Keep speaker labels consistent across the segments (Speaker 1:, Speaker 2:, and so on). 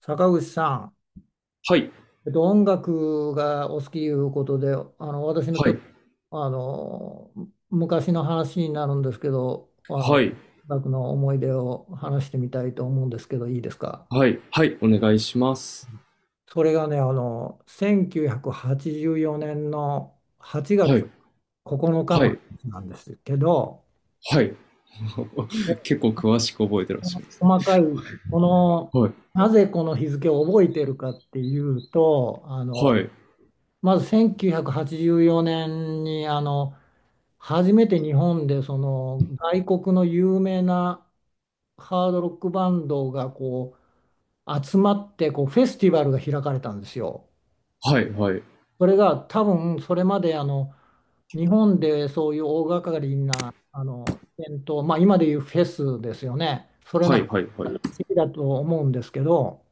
Speaker 1: 坂口さん、
Speaker 2: はい、
Speaker 1: 音楽がお好きいうことで、私のち
Speaker 2: は
Speaker 1: ょっと
Speaker 2: い、
Speaker 1: あの昔の話になるんですけど、
Speaker 2: は
Speaker 1: 音
Speaker 2: い、
Speaker 1: 楽の思い出を話してみたいと思うんですけど、いいですか。
Speaker 2: はい、はい、お願いします。
Speaker 1: それがね、1984年の8
Speaker 2: は
Speaker 1: 月
Speaker 2: い、
Speaker 1: 9日
Speaker 2: は
Speaker 1: のか
Speaker 2: い、
Speaker 1: の話なんですけど、
Speaker 2: はい。結構詳しく覚えてらっしゃいますね。
Speaker 1: 細かい。この、
Speaker 2: はい、
Speaker 1: なぜこの日付を覚えてるかっていうと、
Speaker 2: はい、
Speaker 1: まず1984年に初めて日本でその外国の有名なハードロックバンドがこう集まってこうフェスティバルが開かれたんですよ。
Speaker 2: はい、はい、
Speaker 1: それが多分それまで日本でそういう大掛かりなイベント、まあ、今でいうフェスですよね。それ
Speaker 2: は
Speaker 1: の話
Speaker 2: い、はい、はい、はい、
Speaker 1: だと思うんですけど、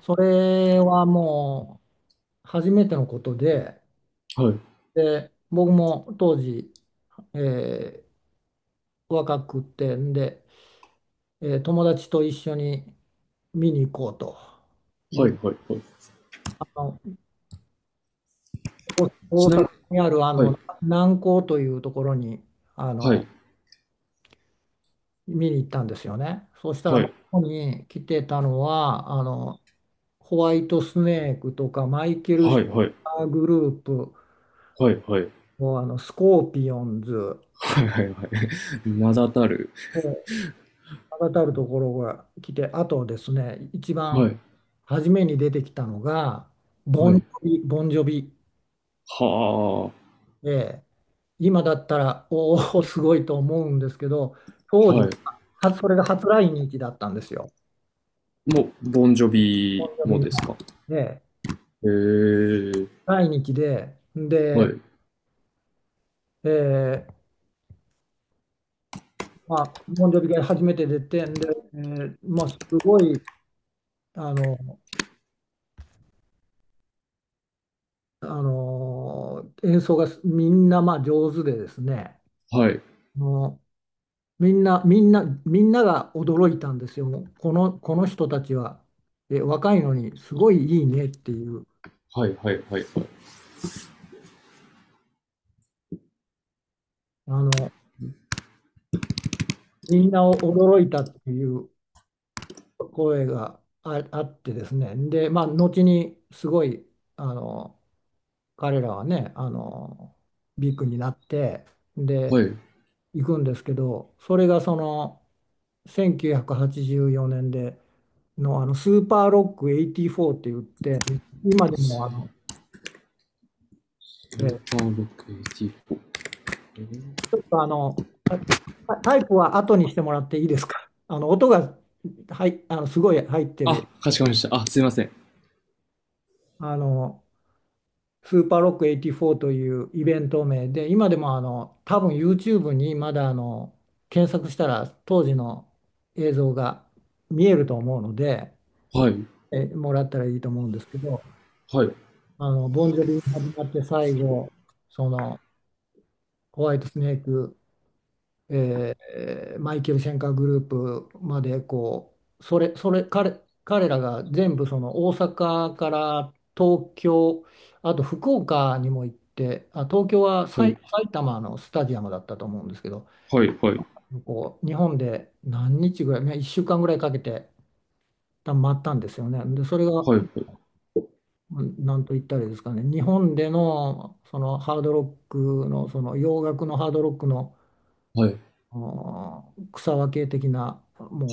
Speaker 1: それはもう初めてのことで、
Speaker 2: はい、
Speaker 1: で僕も当時えー若くてんで、友達と一緒に見に行こうとい
Speaker 2: は
Speaker 1: う、
Speaker 2: い、はい。
Speaker 1: あの大
Speaker 2: ちなみ
Speaker 1: 阪
Speaker 2: に、
Speaker 1: にある
Speaker 2: はい、
Speaker 1: 南港というところにあ
Speaker 2: は
Speaker 1: の
Speaker 2: い、
Speaker 1: 見に行ったんですよね。そうしたら、
Speaker 2: は
Speaker 1: まあ、
Speaker 2: い、
Speaker 1: ここに来てたのはホワイトスネークとかマイケル・シ
Speaker 2: はい、はい、
Speaker 1: ル
Speaker 2: はい、
Speaker 1: バーグループ、
Speaker 2: はい、はい、
Speaker 1: もうスコーピオンズ
Speaker 2: はい、はい。名だたる。
Speaker 1: がたるところが来て、あとですね、一
Speaker 2: は
Speaker 1: 番
Speaker 2: い、
Speaker 1: 初めに出てきたのが、
Speaker 2: はい、
Speaker 1: ボンジョビ
Speaker 2: は
Speaker 1: で、今だったら、おお、すごいと思うんですけど、
Speaker 2: あ、
Speaker 1: 当時
Speaker 2: はい。
Speaker 1: は、それが初来日だったんですよ。
Speaker 2: もう、ボンジョ
Speaker 1: ボ
Speaker 2: ビ
Speaker 1: ンジョ
Speaker 2: も
Speaker 1: ビの
Speaker 2: ですか。へ
Speaker 1: で、
Speaker 2: えー、
Speaker 1: 来日で、
Speaker 2: は
Speaker 1: で、
Speaker 2: い、
Speaker 1: えーまあ、ボンジョビが初めて出て、で、まあ、すごい、あの、あの演奏がみんなまあ上手でですね、
Speaker 2: はい、
Speaker 1: あのみんなが驚いたんですよ。この人たちは、若いのにすごいいいねっていう、
Speaker 2: はい、はい、はい、はい。
Speaker 1: あの、みんなを驚いたっていう声があってですね。で、まあ、後にすごい、あの、彼らはね、ビッグになって、
Speaker 2: は
Speaker 1: で、
Speaker 2: い。
Speaker 1: 行くんですけど、それがその、1984年での、スーパーロック84って言って、今でもあの、
Speaker 2: スー
Speaker 1: え
Speaker 2: パーロック
Speaker 1: あの、あタイプは後にしてもらっていいですか。あの音が、はい、すごい入って
Speaker 2: あ、
Speaker 1: る。
Speaker 2: かしこまりました。あ、すいません。
Speaker 1: あのスーパーロック84というイベント名で、今でも多分 YouTube にまだ検索したら当時の映像が見えると思うので、
Speaker 2: はい。
Speaker 1: もらったらいいと思うんですけど、
Speaker 2: はい。
Speaker 1: ボンジョビに始まって最後そのホワイトスネーク、マイケル・シェンカーグループまで、こうそれそれ彼、彼らが全部その大阪から東京、あと福岡にも行って、東京は
Speaker 2: はい。
Speaker 1: 埼玉のスタジアムだったと思うんですけど、
Speaker 2: はい。はい。
Speaker 1: こう日本で何日ぐらい、ね、1週間ぐらいかけて多分回ったんですよね。でそれが、
Speaker 2: はい。
Speaker 1: うん、なんと言ったらいいですかね、日本での、そのハードロックの、その洋楽のハードロックの、
Speaker 2: はい。
Speaker 1: あ草分け的な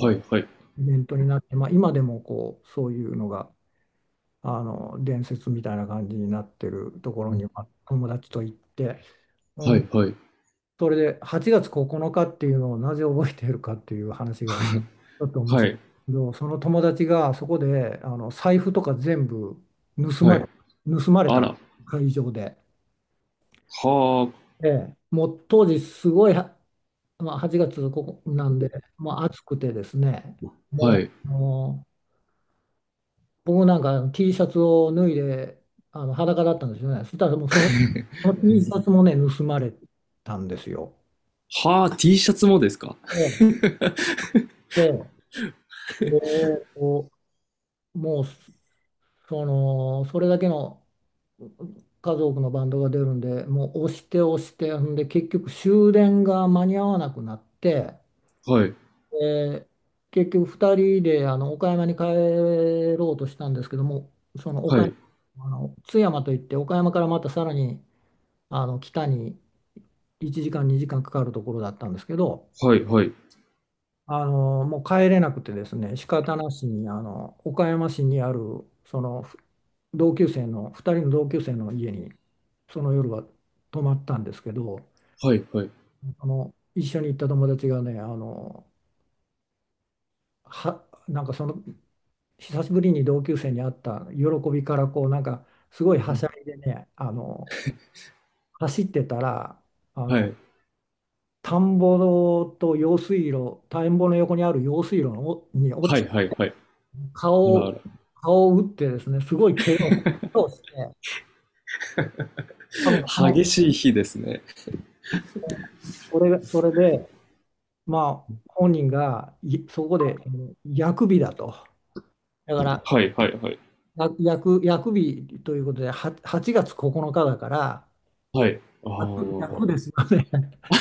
Speaker 2: はい。はい。
Speaker 1: イベントになって、まあ、今でもこうそういうのが伝説みたいな感じになってるところにまあ友達と行って、う
Speaker 2: は
Speaker 1: ん、
Speaker 2: い。はい。
Speaker 1: それで8月9日っていうのをなぜ覚えているかっていう話がちょっと面
Speaker 2: は
Speaker 1: 白いんで
Speaker 2: い。
Speaker 1: すけど、その友達がそこで財布とか全部盗
Speaker 2: は
Speaker 1: ま
Speaker 2: い。
Speaker 1: れ、盗まれ
Speaker 2: あ
Speaker 1: た、
Speaker 2: ら。は
Speaker 1: 会場で。
Speaker 2: あ。
Speaker 1: ええ、もう当時すごい、まあ、8月ここなんで、もう暑くてですね、
Speaker 2: は
Speaker 1: も
Speaker 2: い。
Speaker 1: う、僕なんか T シャツを脱いで裸だったんですよね。そしたら、もうその T シャツもね、盗まれたんですよ。
Speaker 2: はあ、T シャツもですか？
Speaker 1: ええ、で、でこうもうそれだけの数多くのバンドが出るんで、もう押して押して、ほんで結局終電が間に合わなくなって、
Speaker 2: はい。
Speaker 1: で結局2人で岡山に帰ろうとしたんですけども、その岡
Speaker 2: は
Speaker 1: 山、
Speaker 2: い。
Speaker 1: 津山といって、岡山からまたさらに北に1時間2時間かかるところだったんですけど、
Speaker 2: はい。はい。
Speaker 1: もう帰れなくてですね、仕方なしに岡山市にあるその同級生の、2人の同級生の家にその夜は泊まったんですけど、
Speaker 2: はい。はい。
Speaker 1: 一緒に行った友達がね、あのはなんかその久しぶりに同級生に会った喜びからこうなんかすごいはしゃいでね、走ってたらあ
Speaker 2: は
Speaker 1: の
Speaker 2: い。
Speaker 1: 田んぼと用水路、田んぼの横にある用水路のに落
Speaker 2: は
Speaker 1: ち、
Speaker 2: い。はい。はい。あ
Speaker 1: 顔
Speaker 2: らあ
Speaker 1: を、
Speaker 2: ら。
Speaker 1: 顔を打ってですね、すごい怪我をして、多分その、
Speaker 2: 激しい日ですね。
Speaker 1: それが、それで、まあ、本人がいそこで薬日だと。だから、
Speaker 2: はい。はい。はい。
Speaker 1: や薬日ということで、8月9日だから、
Speaker 2: はい。あ
Speaker 1: 薬薬
Speaker 2: あ。
Speaker 1: ですよね。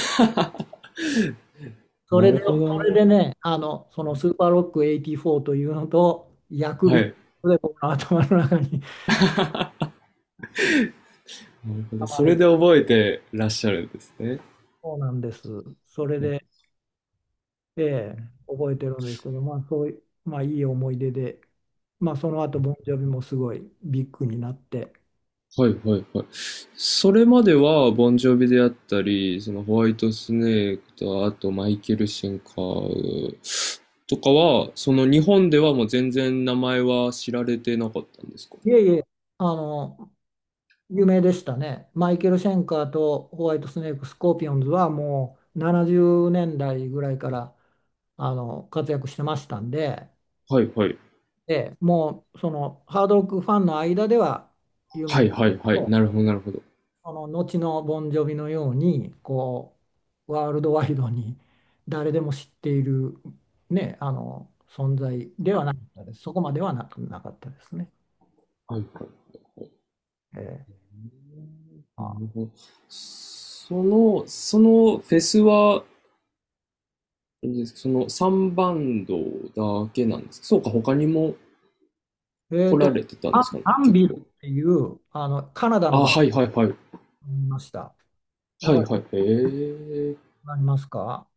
Speaker 1: そ
Speaker 2: な
Speaker 1: れ
Speaker 2: る
Speaker 1: で、
Speaker 2: ほどね。
Speaker 1: ね、そのスーパーロック84というのと、薬
Speaker 2: は
Speaker 1: 日
Speaker 2: い。
Speaker 1: で僕の頭の中に。
Speaker 2: なるほ
Speaker 1: 溜
Speaker 2: ど。
Speaker 1: ま
Speaker 2: そ
Speaker 1: れ、
Speaker 2: れで覚えてらっしゃるんですね。
Speaker 1: そうなんです。それで、ええ、覚えてるんですけど、まあ、そういう、まあ、いい思い出で、まあ、その後、ボンジョビもすごいビッグになって、
Speaker 2: はいはいはい。それまでは、ボンジョビであったり、そのホワイトスネークと、あとマイケル・シンカーとかは、その日本ではもう全然名前は知られてなかったんですか？
Speaker 1: いえいえ、あの、有名でしたね。マイケル・シェンカーとホワイトスネーク、スコーピオンズはもう70年代ぐらいから活躍してましたんで、
Speaker 2: はいはい。
Speaker 1: ええ、もうそのハードロックファンの間では有
Speaker 2: は
Speaker 1: 名
Speaker 2: い
Speaker 1: です。
Speaker 2: はいはい。なるほどなるほど。
Speaker 1: その後のボンジョビのようにこうワールドワイドに誰でも知っている、ね、あの存在ではなかったです。そこまではなく、なかったですね。
Speaker 2: はいはい。
Speaker 1: えー、あ、
Speaker 2: なるほど。そのフェスは、あれですか、その3バンドだけなんですか？そうか、他にも
Speaker 1: えー
Speaker 2: 来ら
Speaker 1: と、
Speaker 2: れてたんですかね、
Speaker 1: アン
Speaker 2: 結
Speaker 1: ビル
Speaker 2: 構。
Speaker 1: っていうカナダの
Speaker 2: あ、
Speaker 1: バン
Speaker 2: はいはいはい。
Speaker 1: ドにいました。だ
Speaker 2: は
Speaker 1: か
Speaker 2: いはい。へえ。
Speaker 1: ら、ありますか、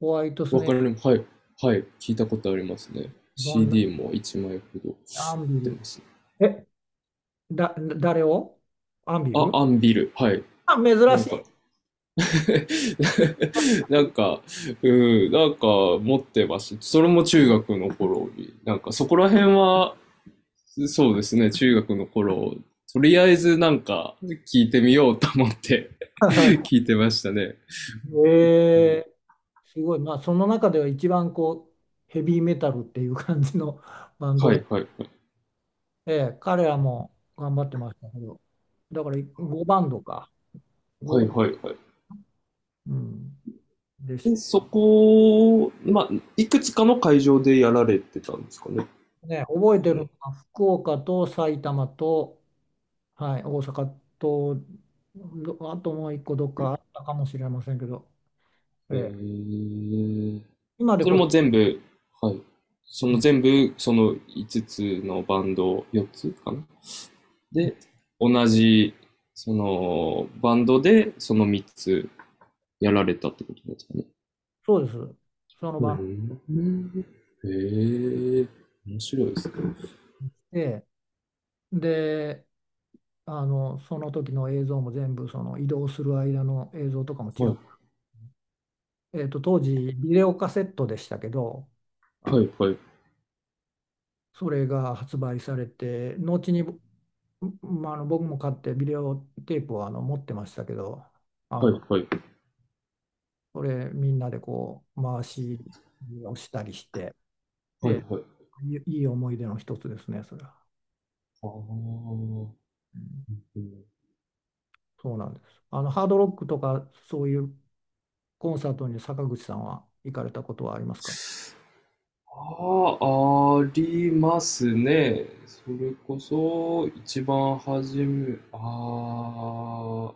Speaker 1: ホワイトス
Speaker 2: わ
Speaker 1: ネー
Speaker 2: か
Speaker 1: ク、
Speaker 2: ります。はい。はい。聞いたことありますね。
Speaker 1: ボンジョビ、
Speaker 2: CD も1枚ほど売っ
Speaker 1: アンビ
Speaker 2: て
Speaker 1: ル。
Speaker 2: ますね。
Speaker 1: え、だ、誰をアンビ
Speaker 2: あ、
Speaker 1: ル、
Speaker 2: アンビル。はい。
Speaker 1: 珍
Speaker 2: なん
Speaker 1: し
Speaker 2: か、
Speaker 1: い。
Speaker 2: なんか、うん、なんか持ってました。それも中学の頃に。なんかそこら辺は、そうですね、中学の頃、とりあえずなんか聞いてみようと思って 聞 いてましたね。うん、
Speaker 1: えーすごい、まあ、その中では一番こうヘビーメタルっていう感じの バンド
Speaker 2: は
Speaker 1: で、
Speaker 2: いはいはい。
Speaker 1: ええ、彼らも頑張ってましたけど、だから5バンドか、5
Speaker 2: は
Speaker 1: バ
Speaker 2: い
Speaker 1: ンド、
Speaker 2: はいはい。
Speaker 1: うん、です。
Speaker 2: で、そこ、まあ、いくつかの会場でやられてたんですかね。
Speaker 1: ね、覚え
Speaker 2: そ
Speaker 1: てるの
Speaker 2: の
Speaker 1: は福岡と埼玉と、はい、大阪と、あと、もう一個どっかあったかもしれませんけど、え
Speaker 2: え
Speaker 1: え、
Speaker 2: ー、
Speaker 1: 今で
Speaker 2: それ
Speaker 1: こそ、
Speaker 2: も全部、はい。その
Speaker 1: う
Speaker 2: 全部、その5つつのバンド、4つかな
Speaker 1: ん、
Speaker 2: で、同じ、その、バンドで、その3つやられたってことですかね。
Speaker 1: そうです、その
Speaker 2: う
Speaker 1: バンド
Speaker 2: ん。へえ、面白いですね。
Speaker 1: で。で、その時の映像も全部、その移動する間の映像とかも
Speaker 2: はい、
Speaker 1: 当時ビデオカセットでしたけど、あ
Speaker 2: は
Speaker 1: の
Speaker 2: い、はい、
Speaker 1: それが発売されて後に、まあ、僕も買ってビデオテープを持ってましたけど、あ
Speaker 2: はい、
Speaker 1: の
Speaker 2: はい、
Speaker 1: それみんなでこう回しをしたりして、え
Speaker 2: はい、
Speaker 1: え、
Speaker 2: はい。
Speaker 1: いい思い出の一つですねそれは。うん、そうなんです、ハードロックとかそういうコンサートに坂口さんは行かれたことはありますか。
Speaker 2: あ、ありますね。それこそ、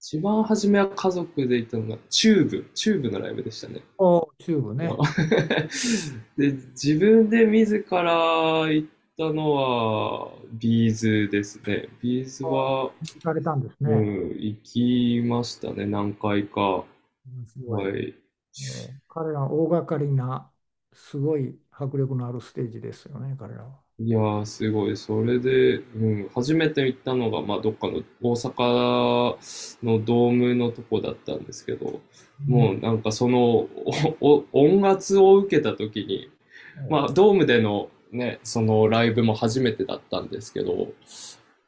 Speaker 2: 一番初めは家族で行ったのが、チューブのライブでしたね。
Speaker 1: お、チューブね。
Speaker 2: で、自分で自ら行ったのは、ビーズですね。ビーズ
Speaker 1: あ
Speaker 2: は、
Speaker 1: 行かれたんです
Speaker 2: う
Speaker 1: ね。
Speaker 2: ん、行きましたね、何回か。
Speaker 1: うん、すごい。
Speaker 2: はい。
Speaker 1: 彼らは大掛かりな、すごい迫力のあるステージですよね、彼らは。
Speaker 2: いやー、すごい。それで、うん、初めて行ったのが、まあ、どっかの大阪のドームのとこだったんですけど、
Speaker 1: うん、
Speaker 2: もうなんかその音圧を受けた時に、まあ、ドームでのね、そのライブも初めてだったんですけど、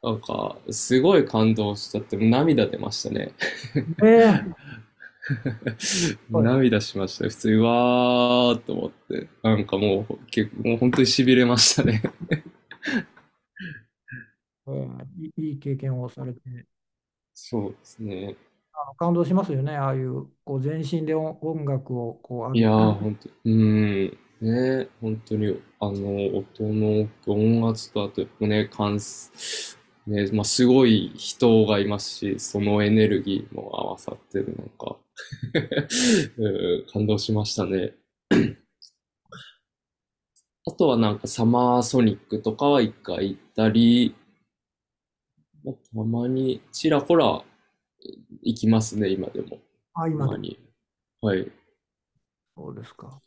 Speaker 2: なんか、すごい感動しちゃって、涙出ましたね。
Speaker 1: ええ、す ごい、
Speaker 2: 涙しました。普通に、うわーっと思って。なんかもう、結構、もう本当に痺れましたね。
Speaker 1: ええーいいいい経験をされて、
Speaker 2: そうですね。
Speaker 1: 感動しますよね、ああいうこう全身で音楽をこう浴
Speaker 2: い
Speaker 1: び、
Speaker 2: やー、本当に、うん。ね、本当に、あの、音の音圧と、あと、ね、ね、まあ、すごい人がいますし、そのエネルギーも合わさってる、なんか、うん感動しましたね。あとはなんかサマーソニックとかは1回行ったり、まあたまにちらほら行きますね、今でも。た
Speaker 1: 今で
Speaker 2: ま
Speaker 1: も
Speaker 2: に。はい。
Speaker 1: そうですか。